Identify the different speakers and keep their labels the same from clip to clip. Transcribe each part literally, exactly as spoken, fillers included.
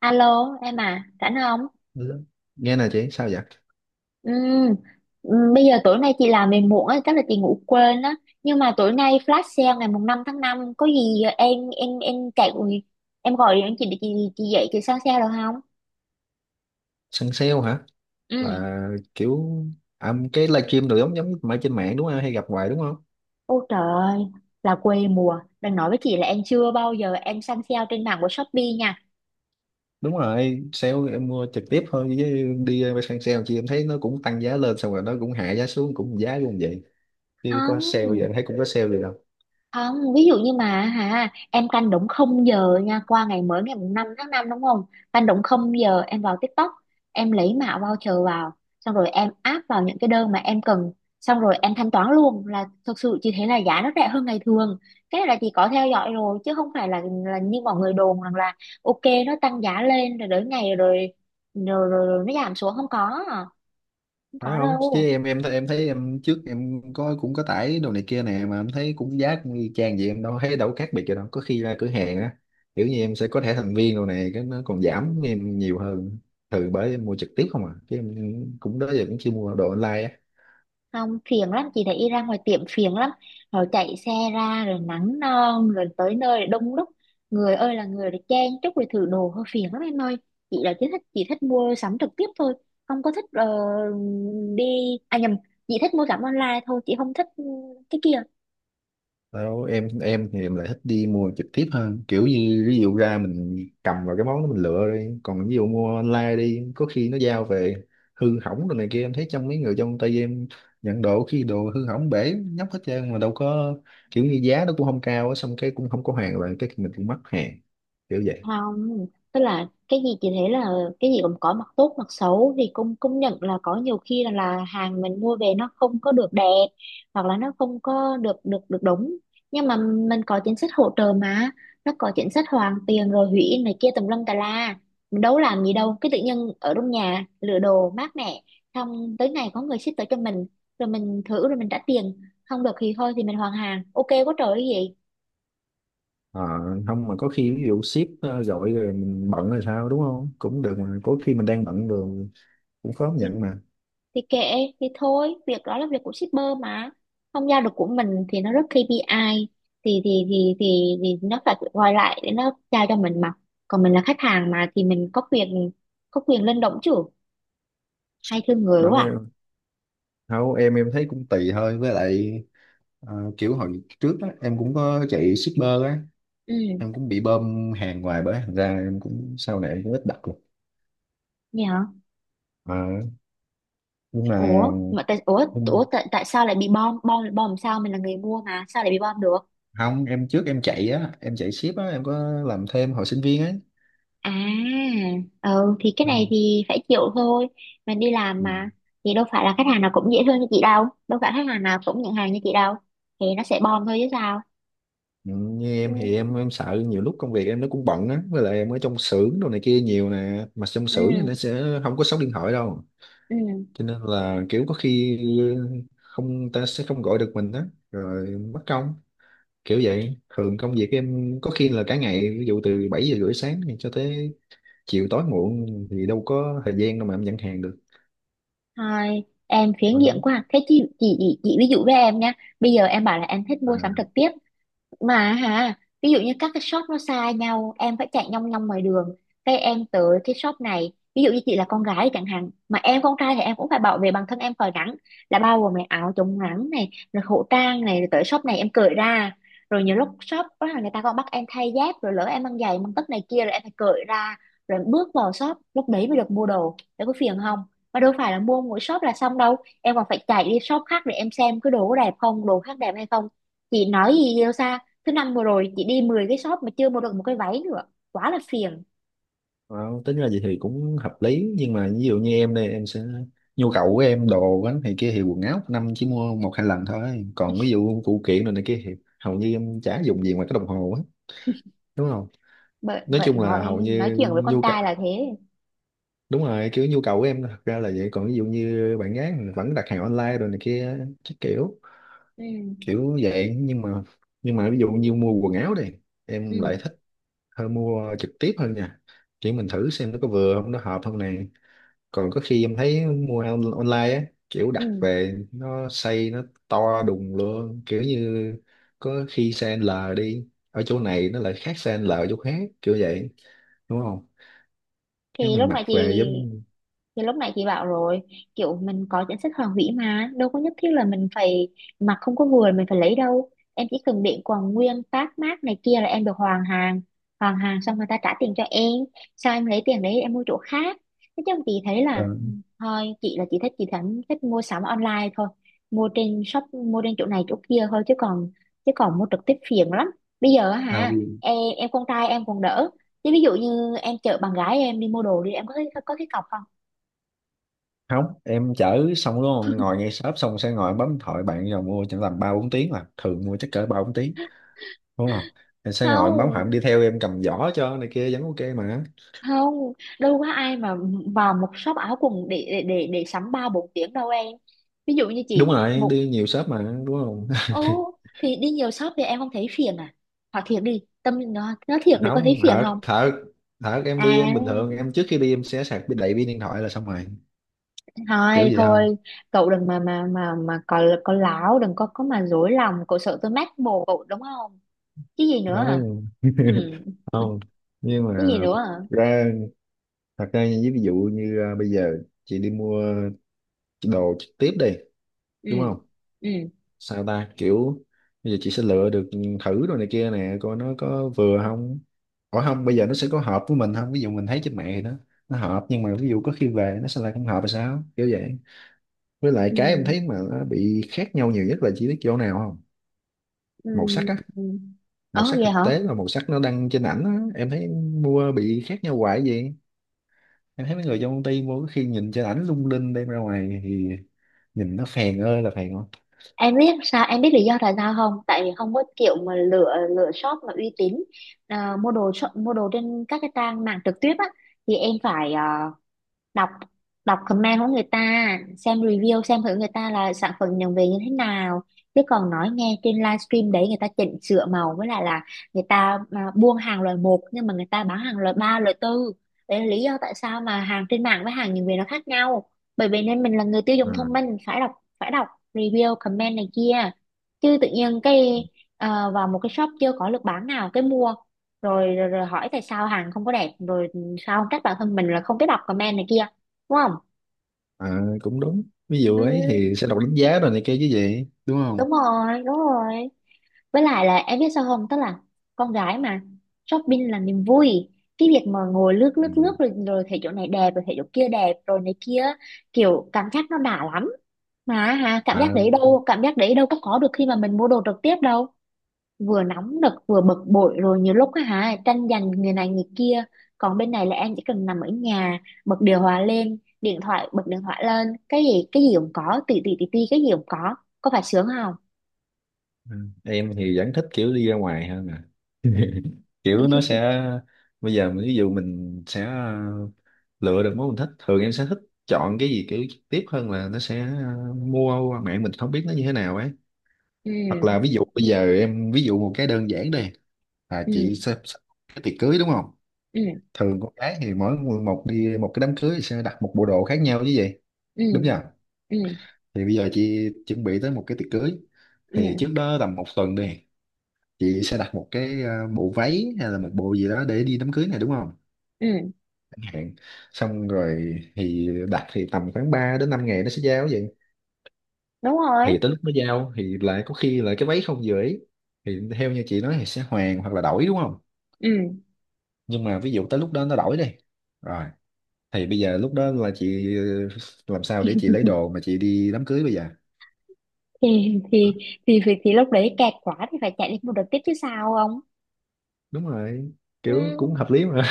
Speaker 1: Alo em à, rảnh không?
Speaker 2: Ừ. Nghe nè chị, sao vậy?
Speaker 1: Ừm, ừm, Bây giờ tối nay chị làm về muộn á, chắc là chị ngủ quên á. Nhưng mà tối nay flash sale ngày mùng năm tháng năm có gì em em em chạy em gọi điện chị để chị chị dậy chị sang sale được không?
Speaker 2: Săn sale hả?
Speaker 1: Ừ.
Speaker 2: Là kiểu, à, cái livestream đồ giống giống mà trên mạng đúng không, hay gặp hoài đúng không?
Speaker 1: Ôi trời ơi, là quê mùa. Đừng nói với chị là em chưa bao giờ em săn sale trên mạng của Shopee nha.
Speaker 2: Đúng rồi, sale em mua trực tiếp thôi, chứ đi săn sale chị, em thấy nó cũng tăng giá lên xong rồi nó cũng hạ giá xuống, cũng giá luôn vậy. Chứ có sale vậy, em
Speaker 1: Không.
Speaker 2: thấy cũng có sale vậy đâu.
Speaker 1: Không, ví dụ như mà hả, em canh đúng không giờ nha, qua ngày mới ngày mùng năm tháng năm đúng không? Canh đúng không giờ em vào TikTok, em lấy mã voucher vào, xong rồi em áp vào những cái đơn mà em cần, xong rồi em thanh toán luôn là thực sự chỉ thế là giá nó rẻ hơn ngày thường. Cái này là chị có theo dõi rồi chứ không phải là là như mọi người đồn rằng là ok nó tăng giá lên rồi đến ngày rồi rồi, rồi, rồi nó giảm xuống không có, không
Speaker 2: Phải
Speaker 1: có
Speaker 2: không, chứ
Speaker 1: đâu.
Speaker 2: em em em thấy em trước em có cũng có tải đồ này kia nè, mà em thấy cũng giá cũng y chang vậy, em đâu thấy đâu khác biệt gì đâu. Có khi ra cửa hàng á, kiểu như em sẽ có thẻ thành viên đồ này, cái nó còn giảm em nhiều hơn. Thường bởi em mua trực tiếp không à, chứ em cũng đó giờ cũng chưa mua đồ online á.
Speaker 1: Không phiền lắm, chị thấy ra ngoài tiệm phiền lắm, rồi chạy xe ra rồi nắng non rồi tới nơi rồi đông đúc, người ơi là người, rồi chen chúc rồi thử đồ hơi phiền lắm em ơi. Chị là chỉ thích, chị thích mua sắm trực tiếp thôi, không có thích. ờ, Đi à nhầm, chị thích mua sắm online thôi, chị không thích ừ, cái kia.
Speaker 2: Đâu, em em thì em lại thích đi mua trực tiếp hơn. Kiểu như ví dụ ra mình cầm vào cái món đó mình lựa đi, còn ví dụ mua online đi, có khi nó giao về hư hỏng rồi này kia, em thấy trong mấy người trong tay em nhận đồ khi đồ hư hỏng bể nhóc hết trơn mà đâu có. Kiểu như giá nó cũng không cao á, xong cái cũng không có hàng rồi cái mình cũng mất hàng, kiểu vậy.
Speaker 1: Không, tức là cái gì chị thấy là cái gì cũng có mặt tốt mặt xấu, thì cũng công nhận là có nhiều khi là, là hàng mình mua về nó không có được đẹp, hoặc là nó không có được được được đúng. Nhưng mà mình có chính sách hỗ trợ mà, nó có chính sách hoàn tiền rồi hủy in này kia tùm lum tà la. Mình đâu có làm gì đâu, cái tự nhiên ở trong nhà lựa đồ mát mẻ, xong tới ngày có người ship tới cho mình, rồi mình thử rồi mình trả tiền, không được thì thôi thì mình hoàn hàng, ok quá trời cái
Speaker 2: Ờ, không mà có khi ví dụ ship ờ, gọi rồi mình bận rồi sao đúng không, cũng được. Mà có khi mình đang bận rồi cũng khó
Speaker 1: gì.
Speaker 2: nhận mà.
Speaker 1: Thì kệ, thì thôi, việc đó là việc của shipper mà, không giao được của mình thì nó rất ca pê i, thì thì thì thì, thì nó phải gọi lại để nó giao cho mình mà. Còn mình là khách hàng mà, thì mình có quyền, có quyền lên động chứ, hay thương người
Speaker 2: Đâu,
Speaker 1: quá à.
Speaker 2: không em em thấy cũng tùy thôi, với lại ờ, kiểu hồi trước á em cũng có chạy shipper á,
Speaker 1: Ừ
Speaker 2: em cũng bị bơm hàng hoài bởi thành ra em cũng sau này em cũng ít đặt luôn.
Speaker 1: nhỉ.
Speaker 2: Ờ, nhưng mà
Speaker 1: Ủa mà tại, ủa ủa
Speaker 2: không.
Speaker 1: tại, tại sao lại bị bom bom bom làm sao, mình là người mua mà sao lại bị bom được?
Speaker 2: Không, em trước em chạy á, em chạy ship á, em có làm thêm hồi sinh viên á.
Speaker 1: À, ừ, thì cái này
Speaker 2: Ừ.
Speaker 1: thì phải chịu thôi. Mình đi làm
Speaker 2: Ừ.
Speaker 1: mà. Thì đâu phải là khách hàng nào cũng dễ thương như chị đâu. Đâu phải khách hàng nào cũng nhận hàng như chị đâu. Thì nó sẽ bom thôi chứ sao.
Speaker 2: Ừ, như em thì
Speaker 1: Ừ,
Speaker 2: em em sợ nhiều lúc công việc em nó cũng bận á, với lại em ở trong xưởng đồ này kia nhiều nè, mà trong xưởng thì nó
Speaker 1: ừ,
Speaker 2: sẽ không có sóng điện thoại đâu.
Speaker 1: ừ.
Speaker 2: Cho nên là kiểu có khi không ta sẽ không gọi được mình đó, rồi mất công, kiểu vậy. Thường công việc em có khi là cả ngày, ví dụ từ bảy giờ rưỡi sáng thì cho tới chiều tối muộn, thì đâu có thời gian đâu mà em nhận hàng được.
Speaker 1: Thôi, em phiến
Speaker 2: Ừ.
Speaker 1: diện quá. Thế chị, chị, chị, chị ví dụ với em nha. Bây giờ em bảo là em thích
Speaker 2: À,
Speaker 1: mua sắm trực tiếp. Mà hả, ví dụ như các cái shop nó xa nhau, em phải chạy nhong nhong ngoài đường. Cái em tới cái shop này, ví dụ như chị là con gái chẳng hạn, mà em con trai thì em cũng phải bảo vệ bản thân em khỏi nắng, là bao gồm này áo chống nắng này rồi khẩu trang này, rồi tới shop này em cởi ra. Rồi nhiều lúc shop đó là người ta còn bắt em thay dép, rồi lỡ em mang giày mang tất này kia, rồi em phải cởi ra, rồi em bước vào shop lúc đấy mới được mua đồ, để có phiền không? Mà đâu phải là mua mỗi shop là xong đâu, em còn phải chạy đi shop khác để em xem cái đồ có đẹp không, đồ khác đẹp hay không. Chị nói gì yêu xa, thứ năm vừa rồi chị đi mười cái shop mà chưa mua được một cái váy nữa, quá là phiền.
Speaker 2: wow, tính ra vậy thì cũng hợp lý, nhưng mà ví dụ như em đây em sẽ, nhu cầu của em đồ á này kia thì quần áo một năm chỉ mua một hai lần thôi, còn ví dụ phụ kiện rồi này kia thì hầu như em chả dùng gì ngoài cái đồng hồ á, đúng không?
Speaker 1: Bởi
Speaker 2: Nói
Speaker 1: vậy
Speaker 2: chung là
Speaker 1: nói
Speaker 2: hầu
Speaker 1: nói
Speaker 2: như
Speaker 1: chuyện với con
Speaker 2: nhu cầu,
Speaker 1: trai là thế.
Speaker 2: đúng rồi kiểu nhu cầu của em thật ra là vậy, còn ví dụ như bạn gái mình vẫn đặt hàng online rồi này kia. Chắc kiểu,
Speaker 1: Ừ,
Speaker 2: kiểu vậy. Nhưng mà nhưng mà ví dụ như mua quần áo đi, em
Speaker 1: ừ,
Speaker 2: lại thích hơn, mua trực tiếp hơn nha, kiểu mình thử xem nó có vừa không, nó hợp không này. Còn có khi em thấy mua on- online á, kiểu
Speaker 1: ừ,
Speaker 2: đặt về nó size nó to đùng luôn, kiểu như có khi size L đi ở chỗ này nó lại khác size L ở chỗ khác, kiểu vậy, đúng không? Cái
Speaker 1: thì
Speaker 2: mình
Speaker 1: lúc
Speaker 2: mặc
Speaker 1: nãy chị.
Speaker 2: về giống
Speaker 1: Thì lúc nãy chị bảo rồi, kiểu mình có chính sách hoàn hủy mà, đâu có nhất thiết là mình phải mặc không có vừa là mình phải lấy đâu. Em chỉ cần để quần nguyên tag mác này kia là em được hoàn hàng. Hoàn hàng xong người ta trả tiền cho em, sao em lấy tiền đấy em mua chỗ khác. Thế chứ chị thấy là
Speaker 2: đơn.
Speaker 1: thôi, chị là chị thích, chị thẳng thích mua sắm online thôi. Mua trên shop, mua trên chỗ này chỗ kia thôi, chứ còn chứ còn mua trực tiếp phiền lắm. Bây giờ á hả, em em con trai em còn đỡ. Chứ ví dụ như em chở bạn gái em đi mua đồ đi, em có thấy có cái cọc không?
Speaker 2: Không em chở xong đúng không, ngồi ngay shop xong sẽ ngồi bấm điện thoại bạn rồi mua, chẳng tầm ba bốn tiếng mà thường mua chắc cỡ ba bốn tiếng, đúng không? Em sẽ ngồi em bấm, hẳn đi
Speaker 1: Không,
Speaker 2: theo em cầm giỏ cho này kia vẫn ok mà.
Speaker 1: không, đâu có ai mà vào một shop áo quần để để để, để sắm ba bốn tiếng đâu em. Ví dụ như
Speaker 2: Đúng
Speaker 1: chị
Speaker 2: rồi,
Speaker 1: một.
Speaker 2: đi nhiều shop mà, đúng không?
Speaker 1: Ô, thì đi nhiều shop thì em không thấy phiền à? Hỏi thiệt đi, tâm nó nó thiệt đi, có thấy
Speaker 2: Không,
Speaker 1: phiền
Speaker 2: thật
Speaker 1: không?
Speaker 2: thật, thật em
Speaker 1: À
Speaker 2: đi, em bình thường em trước khi đi em sẽ sạc đầy pin điện thoại là xong rồi, kiểu
Speaker 1: thôi
Speaker 2: vậy thôi.
Speaker 1: thôi, cậu đừng mà mà mà mà có có láo, đừng có có mà dối lòng, cậu sợ tôi mách bồ cậu đúng không? Cái gì nữa hả?
Speaker 2: Không,
Speaker 1: Ừ.
Speaker 2: không. Nhưng
Speaker 1: Cái gì
Speaker 2: mà
Speaker 1: nữa
Speaker 2: thật
Speaker 1: hả?
Speaker 2: ra, thật ra như ví dụ như à, bây giờ chị đi mua đồ trực tiếp đi,
Speaker 1: Ừ,
Speaker 2: đúng không?
Speaker 1: ừ,
Speaker 2: Sao ta kiểu bây giờ chị sẽ lựa được, thử rồi này kia nè coi nó có vừa không. Ủa không, bây giờ nó sẽ có hợp với mình không, ví dụ mình thấy trên mạng thì nó nó hợp nhưng mà ví dụ có khi về nó sẽ lại không hợp là sao, kiểu vậy. Với lại
Speaker 1: ừ,
Speaker 2: cái em thấy mà nó bị khác nhau nhiều nhất là chỉ biết chỗ nào không,
Speaker 1: ừ,
Speaker 2: màu sắc á.
Speaker 1: ừ,
Speaker 2: Màu
Speaker 1: ờ
Speaker 2: sắc
Speaker 1: vậy
Speaker 2: thực
Speaker 1: hả?
Speaker 2: tế và màu sắc nó đăng trên ảnh á, em thấy mua bị khác nhau hoài vậy. Em thấy mấy người trong công ty mua có khi nhìn trên ảnh lung linh, đem ra ngoài thì nhìn nó phèn ơi là phèn.
Speaker 1: Em biết sao, em biết lý do tại sao không? Tại vì không có kiểu mà lựa, lựa shop mà uy tín. À, mua đồ shop, mua đồ trên các cái trang mạng trực tiếp á, thì em phải, à, đọc, đọc comment của người ta, xem review, xem thử người ta là sản phẩm nhận về như thế nào. Chứ còn nói nghe trên livestream đấy người ta chỉnh sửa màu, với lại là người ta à, buôn hàng loại một nhưng mà người ta bán hàng loại ba loại tư. Đấy là lý do tại sao mà hàng trên mạng với hàng nhận về nó khác nhau. Bởi vì nên mình là người tiêu dùng thông
Speaker 2: Không.
Speaker 1: minh, phải đọc, phải đọc review comment này kia. Chứ tự nhiên cái à, vào một cái shop chưa có lực bán nào cái mua, rồi, rồi rồi hỏi tại sao hàng không có đẹp, rồi sao không trách bản thân mình là không biết đọc comment này kia, đúng không?
Speaker 2: À, cũng đúng. Ví dụ
Speaker 1: Ừ,
Speaker 2: ấy thì sẽ đọc đánh giá rồi này kia chứ gì, đúng không?
Speaker 1: đúng rồi, đúng rồi. Với lại là em biết sao không, tức là con gái mà, shopping là niềm vui. Cái việc mà ngồi lướt
Speaker 2: Ừ.
Speaker 1: lướt lướt rồi, rồi thấy chỗ này đẹp rồi thấy chỗ kia đẹp rồi này kia, kiểu cảm giác nó đã lắm. Mà hả, cảm giác
Speaker 2: À,
Speaker 1: đấy đâu, cảm giác đấy đâu có có được khi mà mình mua đồ trực tiếp đâu. Vừa nóng nực vừa bực bội, rồi nhiều lúc á hả tranh giành người này người kia. Còn bên này là em chỉ cần nằm ở nhà, bật điều hòa lên, điện thoại bật điện thoại lên, cái gì cái gì cũng có, tì tì tì tì cái gì cũng có có phải sướng không?
Speaker 2: ừ. Em thì vẫn thích kiểu đi ra ngoài hơn à. Kiểu nó sẽ bây giờ mình- ví dụ mình sẽ ờ, lựa được món mình thích, thường em sẽ thích chọn cái gì kiểu trực tiếp hơn, là nó sẽ ờ, mua qua mạng mình không biết nó như thế nào ấy. Hoặc là
Speaker 1: Ừ,
Speaker 2: ví dụ bây giờ em ví dụ một cái đơn giản đây là
Speaker 1: ừ,
Speaker 2: chị sẽ sẽ- cái tiệc cưới, đúng không?
Speaker 1: ừ,
Speaker 2: Thường con gái thì mỗi người một, đi một cái đám cưới thì sẽ đặt một bộ đồ khác nhau chứ gì,
Speaker 1: ừ,
Speaker 2: đúng chưa?
Speaker 1: ừ,
Speaker 2: Thì bây giờ chị chuẩn bị tới một cái tiệc cưới, thì
Speaker 1: ừ,
Speaker 2: trước đó tầm một tuần đi, chị sẽ đặt một cái ờ, bộ váy hay là một bộ gì đó để đi đám cưới này đúng không,
Speaker 1: ừ,
Speaker 2: chẳng hạn. Xong rồi thì đặt thì tầm khoảng ba đến năm ngày nó sẽ giao vậy.
Speaker 1: đúng rồi.
Speaker 2: Thì tới lúc nó giao thì lại có khi lại cái váy không vừa ý, thì theo như chị nói thì sẽ hoàn hoặc là đổi đúng không,
Speaker 1: Ừ,
Speaker 2: nhưng mà ví dụ tới lúc đó nó đổi đi rồi, thì bây giờ lúc đó là chị ờ, làm sao để chị lấy đồ mà chị đi đám cưới bây giờ?
Speaker 1: thì thì thì thì, thì lúc đấy kẹt quá thì phải chạy lên một đợt tiếp chứ sao không.
Speaker 2: Đúng rồi, kiểu
Speaker 1: Ừ,
Speaker 2: cũng hợp lý mà,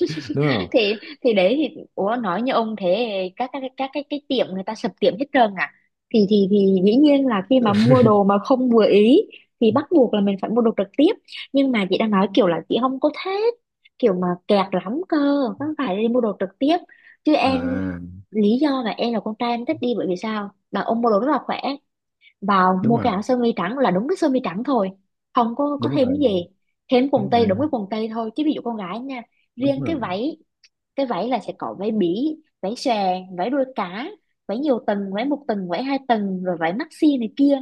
Speaker 2: đúng không?
Speaker 1: thì thì đấy, thì ủa nói như ông thế, các các các cái cái tiệm người ta sập tiệm hết trơn à. Thì thì thì dĩ nhiên là khi mà mua đồ mà không vừa ý thì bắt buộc là mình phải mua đồ trực tiếp. Nhưng mà chị đang nói kiểu là chị không có thích kiểu mà kẹt lắm cơ, không phải đi mua đồ trực tiếp. Chứ em,
Speaker 2: À
Speaker 1: lý do là em là con trai em thích đi bởi vì sao, là ông mua đồ rất là khỏe. Vào
Speaker 2: đúng
Speaker 1: mua cái
Speaker 2: rồi,
Speaker 1: áo sơ mi trắng là đúng cái sơ mi trắng thôi, không có có
Speaker 2: đúng
Speaker 1: thêm cái
Speaker 2: rồi,
Speaker 1: gì, thêm quần
Speaker 2: đúng
Speaker 1: tây đúng
Speaker 2: rồi,
Speaker 1: cái quần tây thôi, chứ ví dụ con gái nha,
Speaker 2: đúng
Speaker 1: riêng cái
Speaker 2: rồi.
Speaker 1: váy, cái váy là sẽ có váy bí váy xòe, váy đuôi cá, váy nhiều tầng váy một tầng váy hai tầng rồi váy maxi này kia.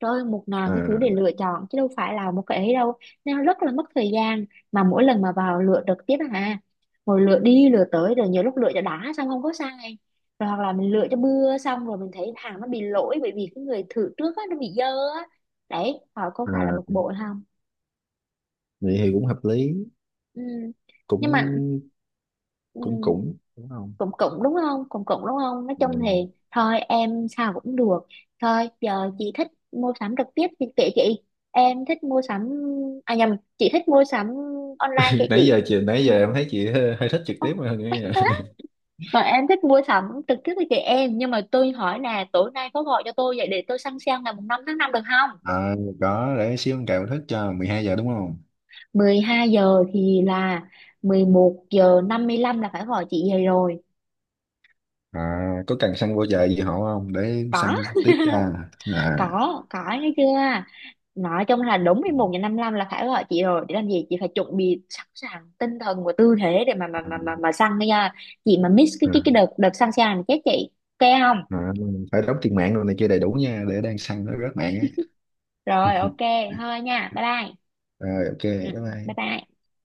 Speaker 1: Trời ơi, một ngàn cái thứ để
Speaker 2: À.
Speaker 1: lựa chọn chứ đâu phải là một cái ấy đâu, nên nó rất là mất thời gian. Mà mỗi lần mà vào lựa trực tiếp à, ngồi lựa đi lựa tới, rồi nhiều lúc lựa cho đã xong không có sai, rồi hoặc là mình lựa cho bưa xong rồi mình thấy hàng nó bị lỗi bởi vì cái người thử trước á nó bị dơ á, đấy họ có phải là bực
Speaker 2: À,
Speaker 1: bội không.
Speaker 2: vậy thì cũng hợp lý.
Speaker 1: Ừ. Nhưng mà
Speaker 2: Cũng,
Speaker 1: ừ.
Speaker 2: cũng, cũng đúng không.
Speaker 1: Cũng cũng đúng không, cũng cũng đúng không, nói chung thì
Speaker 2: Ừ.
Speaker 1: thôi em sao cũng được. Thôi giờ chị thích mua sắm trực tiếp thì kệ chị, em thích mua sắm, à nhầm, chị thích mua sắm online kệ
Speaker 2: Nãy
Speaker 1: chị.
Speaker 2: giờ chị, nãy giờ em thấy chị hơi, hơi thích trực tiếp hơn
Speaker 1: Mắc
Speaker 2: nha.
Speaker 1: quá. Còn em thích mua sắm trực tiếp với chị em, nhưng mà tôi hỏi là tối nay có gọi cho tôi vậy để tôi săn sale ngày mùng năm tháng năm được không?
Speaker 2: À, có, để xíu con cào thức cho mười hai giờ đúng không?
Speaker 1: Mười hai giờ thì là mười một giờ năm mươi lăm là phải gọi chị về rồi.
Speaker 2: À, có cần săn vô chợ gì họ không để săn
Speaker 1: Có.
Speaker 2: tiếp cho? À,
Speaker 1: có có nghe chưa, nói chung là đúng
Speaker 2: ừ.
Speaker 1: mười một giờ năm mươi lăm là phải gọi chị rồi, để làm gì, chị phải chuẩn bị sẵn sàng tinh thần và tư thế để mà mà
Speaker 2: À,
Speaker 1: mà mà, mà săn nha. Chị mà miss cái cái cái đợt đợt săn sàn chết chị. Ok không?
Speaker 2: à, phải đóng tiền mạng rồi này kia đầy đủ nha, để đang săn nó rớt mạng á.
Speaker 1: Rồi ok, thôi nha, bye bye.
Speaker 2: Rồi ok,
Speaker 1: Ừ,
Speaker 2: bye
Speaker 1: bye
Speaker 2: bye.
Speaker 1: bye.